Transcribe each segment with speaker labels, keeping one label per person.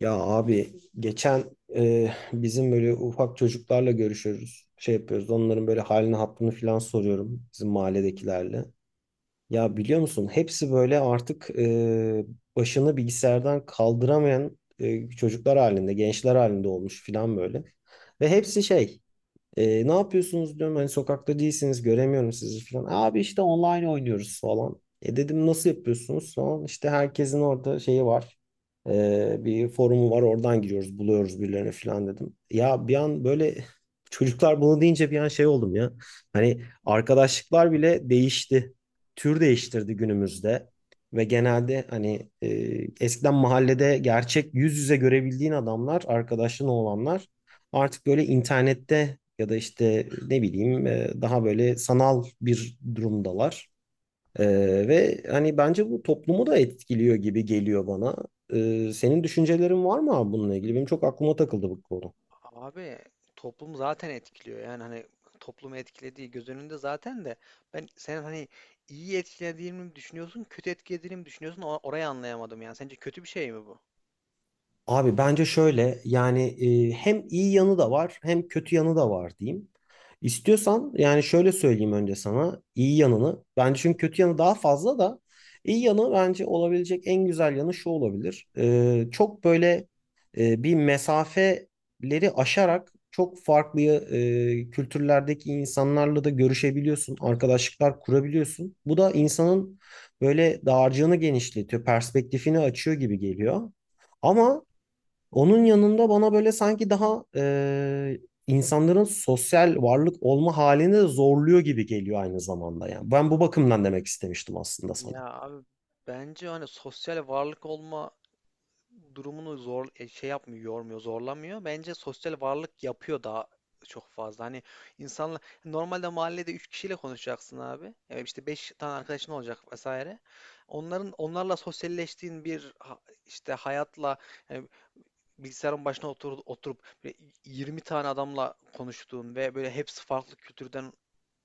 Speaker 1: Ya abi geçen bizim böyle ufak çocuklarla görüşüyoruz. Şey yapıyoruz. Onların böyle halini hattını falan soruyorum bizim mahalledekilerle. Ya biliyor musun hepsi böyle artık başını bilgisayardan kaldıramayan çocuklar halinde, gençler halinde olmuş falan böyle. Ve hepsi şey ne yapıyorsunuz diyorum hani sokakta değilsiniz göremiyorum sizi falan. Abi işte online oynuyoruz falan. E dedim nasıl yapıyorsunuz falan. İşte herkesin orada şeyi var. E, bir forumu var oradan giriyoruz buluyoruz birilerini falan dedim. Ya bir an böyle çocuklar bunu deyince bir an şey oldum ya. Hani arkadaşlıklar bile değişti. Tür değiştirdi günümüzde. Ve genelde hani eskiden mahallede gerçek yüz yüze görebildiğin adamlar arkadaşın olanlar artık böyle internette ya da işte ne bileyim daha böyle sanal bir durumdalar. E, ve hani bence bu toplumu da etkiliyor gibi geliyor bana. E, senin düşüncelerin var mı abi bununla ilgili? Benim çok aklıma takıldı bu konu.
Speaker 2: Abi toplum zaten etkiliyor. Yani hani toplumu etkilediği göz önünde zaten de ben sen hani iyi etkilediğini mi düşünüyorsun, kötü etkilediğini mi düşünüyorsun? Orayı anlayamadım yani. Sence kötü bir şey mi bu?
Speaker 1: Abi bence şöyle yani hem iyi yanı da var hem kötü yanı da var diyeyim. İstiyorsan yani şöyle söyleyeyim önce sana iyi yanını. Bence çünkü kötü yanı daha fazla da iyi yanı bence olabilecek en güzel yanı şu olabilir. E, çok böyle bir mesafeleri aşarak çok farklı kültürlerdeki insanlarla da görüşebiliyorsun. Arkadaşlıklar kurabiliyorsun. Bu da insanın böyle dağarcığını genişletiyor, perspektifini açıyor gibi geliyor. Ama onun yanında bana böyle sanki daha insanların sosyal varlık olma halini de zorluyor gibi geliyor aynı zamanda yani. Ben bu bakımdan demek istemiştim aslında sana.
Speaker 2: Ya abi bence hani sosyal varlık olma durumunu zor şey yapmıyor, yormuyor, zorlamıyor. Bence sosyal varlık yapıyor daha çok fazla. Hani insanla normalde mahallede 3 kişiyle konuşacaksın abi. Evet işte 5 tane arkadaşın olacak vesaire. Onların onlarla sosyalleştiğin bir işte hayatla yani bilgisayarın başına otur, oturup böyle 20 tane adamla konuştuğun ve böyle hepsi farklı kültürden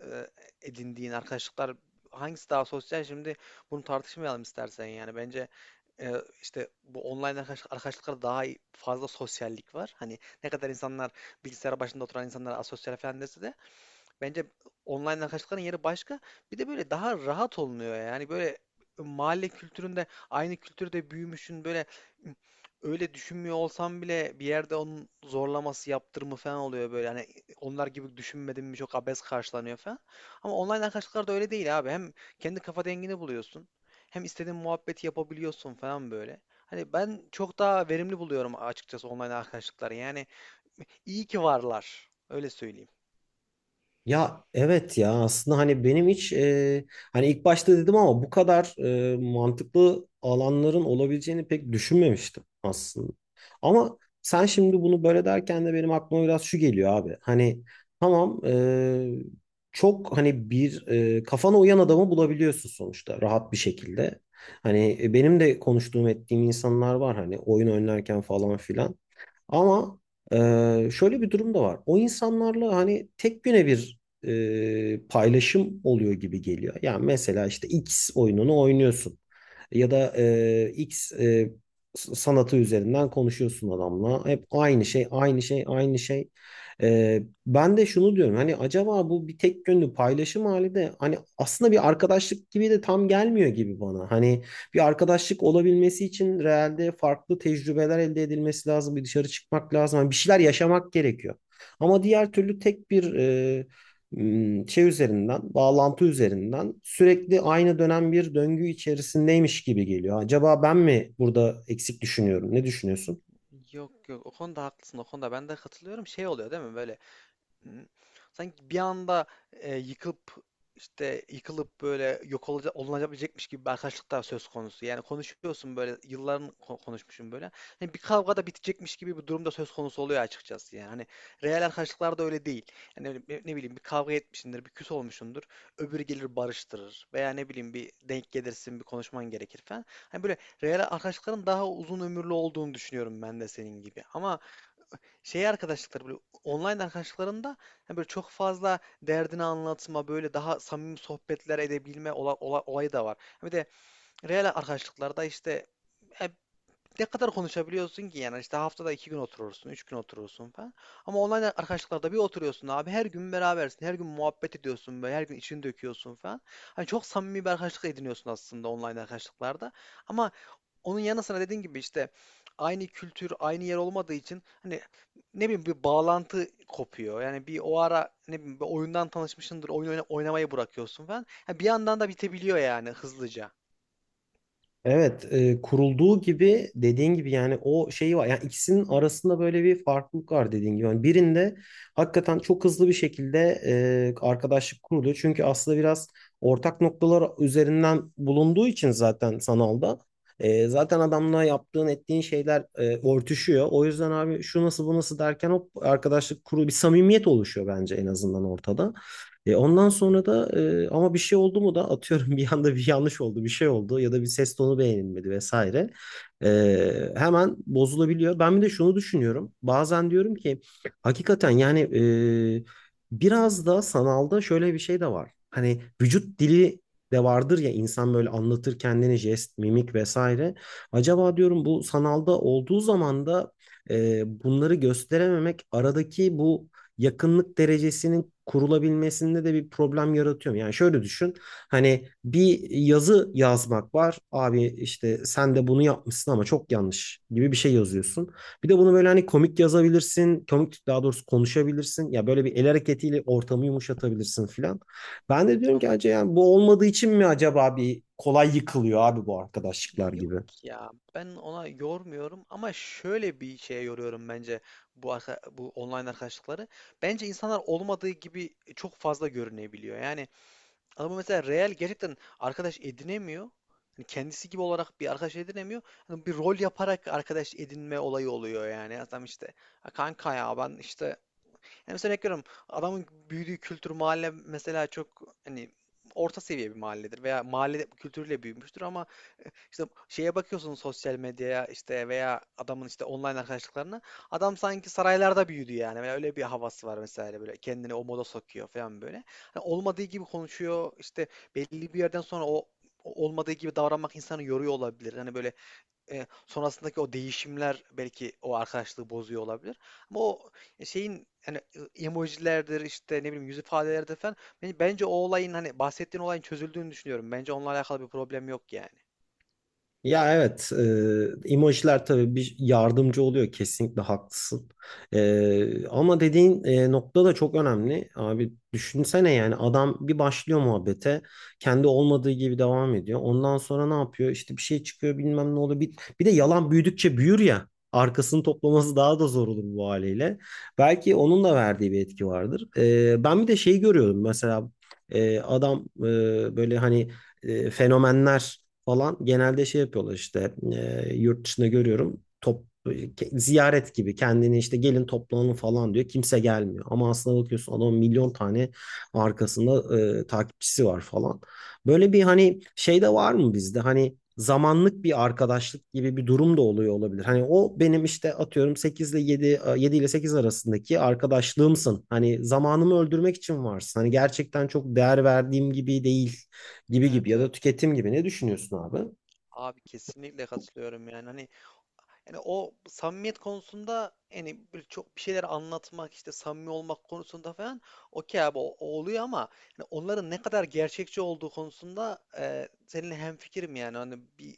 Speaker 2: e, edindiğin arkadaşlıklar hangisi daha sosyal şimdi bunu tartışmayalım istersen yani bence e, işte bu online arkadaşlıklarda fazla sosyallik var. Hani ne kadar insanlar bilgisayar başında oturan insanlar asosyal falan dese de bence online'dan kaçtıkların yeri başka. Bir de böyle daha rahat olunuyor yani böyle mahalle kültüründe aynı kültürde büyümüşün böyle öyle düşünmüyor olsam bile bir yerde onun zorlaması yaptırımı falan oluyor böyle hani onlar gibi düşünmedim mi çok abes karşılanıyor falan. Ama online'dan kaçtıklar da öyle değil abi. Hem kendi kafa dengini buluyorsun. Hem istediğin muhabbeti yapabiliyorsun falan böyle. Hani ben çok daha verimli buluyorum açıkçası online arkadaşlıkları. Yani iyi ki varlar. Öyle söyleyeyim.
Speaker 1: Ya evet ya aslında hani benim hiç hani ilk başta dedim ama bu kadar mantıklı alanların olabileceğini pek düşünmemiştim aslında. Ama sen şimdi bunu böyle derken de benim aklıma biraz şu geliyor abi. Hani tamam çok hani bir kafana uyan adamı bulabiliyorsun sonuçta rahat bir şekilde. Hani benim de konuştuğum ettiğim insanlar var hani oyun oynarken falan filan. Ama şöyle bir durum da var. O insanlarla hani tek güne bir paylaşım oluyor gibi geliyor. Yani mesela işte X oyununu oynuyorsun ya da X sanatı üzerinden konuşuyorsun adamla. Hep aynı şey, aynı şey, aynı şey. E, ben de şunu diyorum hani acaba bu bir tek yönlü paylaşım hali de hani aslında bir arkadaşlık gibi de tam gelmiyor gibi bana. Hani bir arkadaşlık olabilmesi için realde farklı tecrübeler elde edilmesi lazım. Bir dışarı çıkmak lazım. Hani bir şeyler yaşamak gerekiyor. Ama diğer türlü tek bir şey üzerinden, bağlantı üzerinden sürekli aynı dönem bir döngü içerisindeymiş gibi geliyor. Acaba ben mi burada eksik düşünüyorum? Ne düşünüyorsun?
Speaker 2: Yok yok, o konuda haklısın, o konuda ben de katılıyorum, şey oluyor değil mi böyle. Hı. Sanki bir anda e, yıkılıp yıkılıp böyle yok olacak olunabilecekmiş gibi bir arkadaşlıklar söz konusu. Yani konuşuyorsun böyle yılların konuşmuşum böyle. Hani bir kavga da bitecekmiş gibi bir durumda söz konusu oluyor açıkçası yani. Hani real arkadaşlıklar da öyle değil. Yani ne bileyim bir kavga etmişsindir, bir küs olmuşsundur. Öbürü gelir barıştırır veya ne bileyim bir denk gelirsin, bir konuşman gerekir falan. Hani böyle real arkadaşlıkların daha uzun ömürlü olduğunu düşünüyorum ben de senin gibi. Ama şey arkadaşlıkları böyle online arkadaşlıklarında hani böyle çok fazla derdini anlatma böyle daha samimi sohbetler edebilme olayı da var. Bir de real arkadaşlıklarda işte e, ne kadar konuşabiliyorsun ki yani işte haftada 2 gün oturursun, 3 gün oturursun falan. Ama online arkadaşlıklarda bir oturuyorsun abi her gün berabersin, her gün muhabbet ediyorsun böyle her gün içini döküyorsun falan. Hani çok samimi bir arkadaşlık ediniyorsun aslında online arkadaşlıklarda. Ama onun yanı sıra dediğin gibi işte aynı kültür, aynı yer olmadığı için hani ne bileyim bir bağlantı kopuyor. Yani bir o ara ne bileyim bir oyundan tanışmışsındır, oynamayı bırakıyorsun falan. Ha, bir yandan da bitebiliyor yani hızlıca.
Speaker 1: Evet, kurulduğu gibi dediğin gibi yani o şeyi var. Yani ikisinin arasında böyle bir farklılık var dediğin gibi. Yani birinde hakikaten çok hızlı bir şekilde arkadaşlık kuruluyor. Çünkü aslında biraz ortak noktalar üzerinden bulunduğu için zaten sanalda. E, zaten adamla yaptığın ettiğin şeyler örtüşüyor. O yüzden abi şu nasıl bu nasıl derken hop arkadaşlık kuru bir samimiyet oluşuyor bence en azından ortada. E, ondan sonra da ama bir şey oldu mu da atıyorum bir anda bir yanlış oldu, bir şey oldu ya da bir ses tonu beğenilmedi vesaire. E, hemen bozulabiliyor. Ben bir de şunu düşünüyorum. Bazen diyorum ki hakikaten yani biraz da sanalda şöyle bir şey de var. Hani vücut dili de vardır ya insan böyle anlatır kendini jest, mimik vesaire. Acaba diyorum bu sanalda olduğu zaman da bunları gösterememek aradaki bu yakınlık derecesinin kurulabilmesinde de bir problem yaratıyor. Yani şöyle düşün. Hani bir yazı yazmak var. Abi işte sen de bunu yapmışsın ama çok yanlış gibi bir şey yazıyorsun. Bir de bunu böyle hani komik yazabilirsin. Komik daha doğrusu konuşabilirsin. Ya böyle bir el hareketiyle ortamı yumuşatabilirsin filan. Ben de diyorum ki
Speaker 2: An-
Speaker 1: acaba yani bu olmadığı için mi acaba bir kolay yıkılıyor abi bu arkadaşlıklar gibi.
Speaker 2: Yok ya, ben ona yormuyorum ama şöyle bir şeye yoruyorum, bence bu bu online arkadaşlıkları. Bence insanlar olmadığı gibi çok fazla görünebiliyor. Yani ama mesela real gerçekten arkadaş edinemiyor. Hani kendisi gibi olarak bir arkadaş edinemiyor. Hani bir rol yaparak arkadaş edinme olayı oluyor yani. Adam işte "Ha kanka ya ben işte", yani mesela örnek veriyorum, adamın büyüdüğü kültür mahalle mesela çok hani orta seviye bir mahalledir veya mahalle kültürüyle büyümüştür ama işte şeye bakıyorsun sosyal medyaya, işte veya adamın işte online arkadaşlıklarına. Adam sanki saraylarda büyüdü yani. Veya öyle bir havası var mesela, böyle kendini o moda sokuyor falan böyle. Hani olmadığı gibi konuşuyor. İşte belli bir yerden sonra o olmadığı gibi davranmak insanı yoruyor olabilir. Hani böyle sonrasındaki o değişimler belki o arkadaşlığı bozuyor olabilir. Ama o şeyin hani emojilerdir işte ne bileyim yüz ifadeleridir falan, bence o olayın hani bahsettiğin olayın çözüldüğünü düşünüyorum. Bence onunla alakalı bir problem yok yani.
Speaker 1: Ya evet, emojiler tabii bir yardımcı oluyor kesinlikle haklısın. E, ama dediğin nokta da çok önemli. Abi düşünsene yani adam bir başlıyor muhabbete, kendi olmadığı gibi devam ediyor. Ondan sonra ne yapıyor? İşte bir şey çıkıyor bilmem ne oluyor. Bir de yalan büyüdükçe büyür ya. Arkasını toplaması daha da zor olur bu haliyle. Belki onun da verdiği bir etki vardır. E, ben bir de şeyi görüyorum mesela adam böyle hani fenomenler falan genelde şey yapıyorlar işte yurt dışında görüyorum ziyaret gibi kendini işte gelin toplanın falan diyor kimse gelmiyor ama aslında bakıyorsun adamın milyon tane arkasında takipçisi var falan böyle bir hani şey de var mı bizde hani zamanlık bir arkadaşlık gibi bir durum da oluyor olabilir hani o benim işte atıyorum 8 ile 7 ile 8 arasındaki arkadaşlığımsın hani zamanımı öldürmek için varsın hani gerçekten çok değer verdiğim gibi değil gibi gibi
Speaker 2: Evet
Speaker 1: ya da
Speaker 2: evet.
Speaker 1: tüketim gibi ne düşünüyorsun abi?
Speaker 2: Abi kesinlikle katılıyorum yani hani, yani o samimiyet konusunda yani böyle çok bir şeyler anlatmak işte samimi olmak konusunda falan okey abi, o oluyor ama yani onların ne kadar gerçekçi olduğu konusunda seninle hemfikirim yani hani bir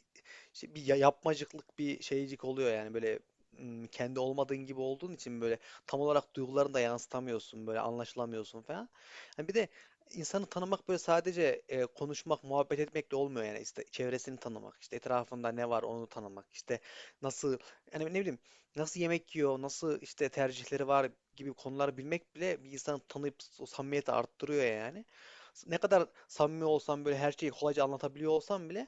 Speaker 2: işte bir yapmacıklık bir şeycik oluyor yani böyle, kendi olmadığın gibi olduğun için böyle tam olarak duygularını da yansıtamıyorsun, böyle anlaşılamıyorsun falan. Yani bir de insanı tanımak böyle sadece konuşmak, muhabbet etmekle olmuyor yani işte çevresini tanımak, işte etrafında ne var onu tanımak, işte nasıl, yani ne bileyim nasıl yemek yiyor, nasıl işte tercihleri var gibi konuları bilmek bile bir insanı tanıyıp o samimiyeti arttırıyor yani. Ne kadar samimi olsam böyle her şeyi kolayca anlatabiliyor olsam bile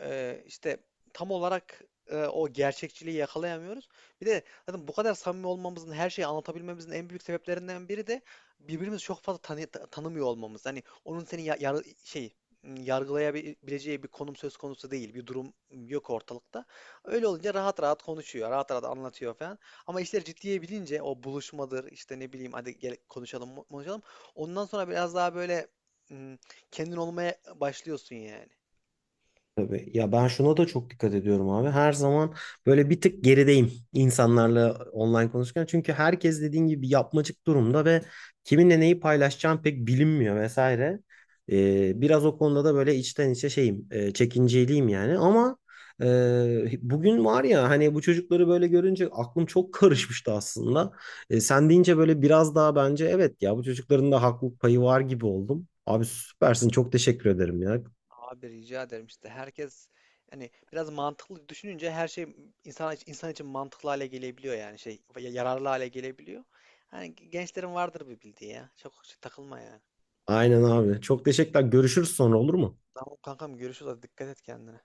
Speaker 2: işte tam olarak o gerçekçiliği yakalayamıyoruz. Bir de zaten bu kadar samimi olmamızın, her şeyi anlatabilmemizin en büyük sebeplerinden biri de birbirimizi çok fazla tanımıyor olmamız. Hani onun seni yargılayabileceği bir konum söz konusu değil, bir durum yok ortalıkta. Öyle olunca rahat rahat konuşuyor, rahat rahat anlatıyor falan. Ama işler ciddiye bilince o buluşmadır, işte ne bileyim hadi gel konuşalım, konuşalım. Ondan sonra biraz daha böyle m, kendin olmaya başlıyorsun yani.
Speaker 1: Tabii. Ya ben şuna da çok dikkat ediyorum abi. Her zaman böyle bir tık gerideyim insanlarla online konuşurken. Çünkü herkes dediğin gibi yapmacık durumda ve kiminle neyi paylaşacağım pek bilinmiyor vesaire. Biraz o konuda da böyle içten içe şeyim, çekinceliyim yani. Ama bugün var ya hani bu çocukları böyle görünce aklım çok karışmıştı aslında. E, sen deyince böyle biraz daha bence evet ya bu çocukların da haklılık payı var gibi oldum. Abi süpersin çok teşekkür ederim ya.
Speaker 2: Abi rica ederim, işte herkes hani biraz mantıklı düşününce her şey insan için, insan için mantıklı hale gelebiliyor yani yararlı hale gelebiliyor. Hani gençlerin vardır bir bildiği ya. Çok şey takılma yani.
Speaker 1: Aynen abi. Çok teşekkürler. Görüşürüz sonra olur mu?
Speaker 2: Tamam kankam, görüşürüz, hadi dikkat et kendine.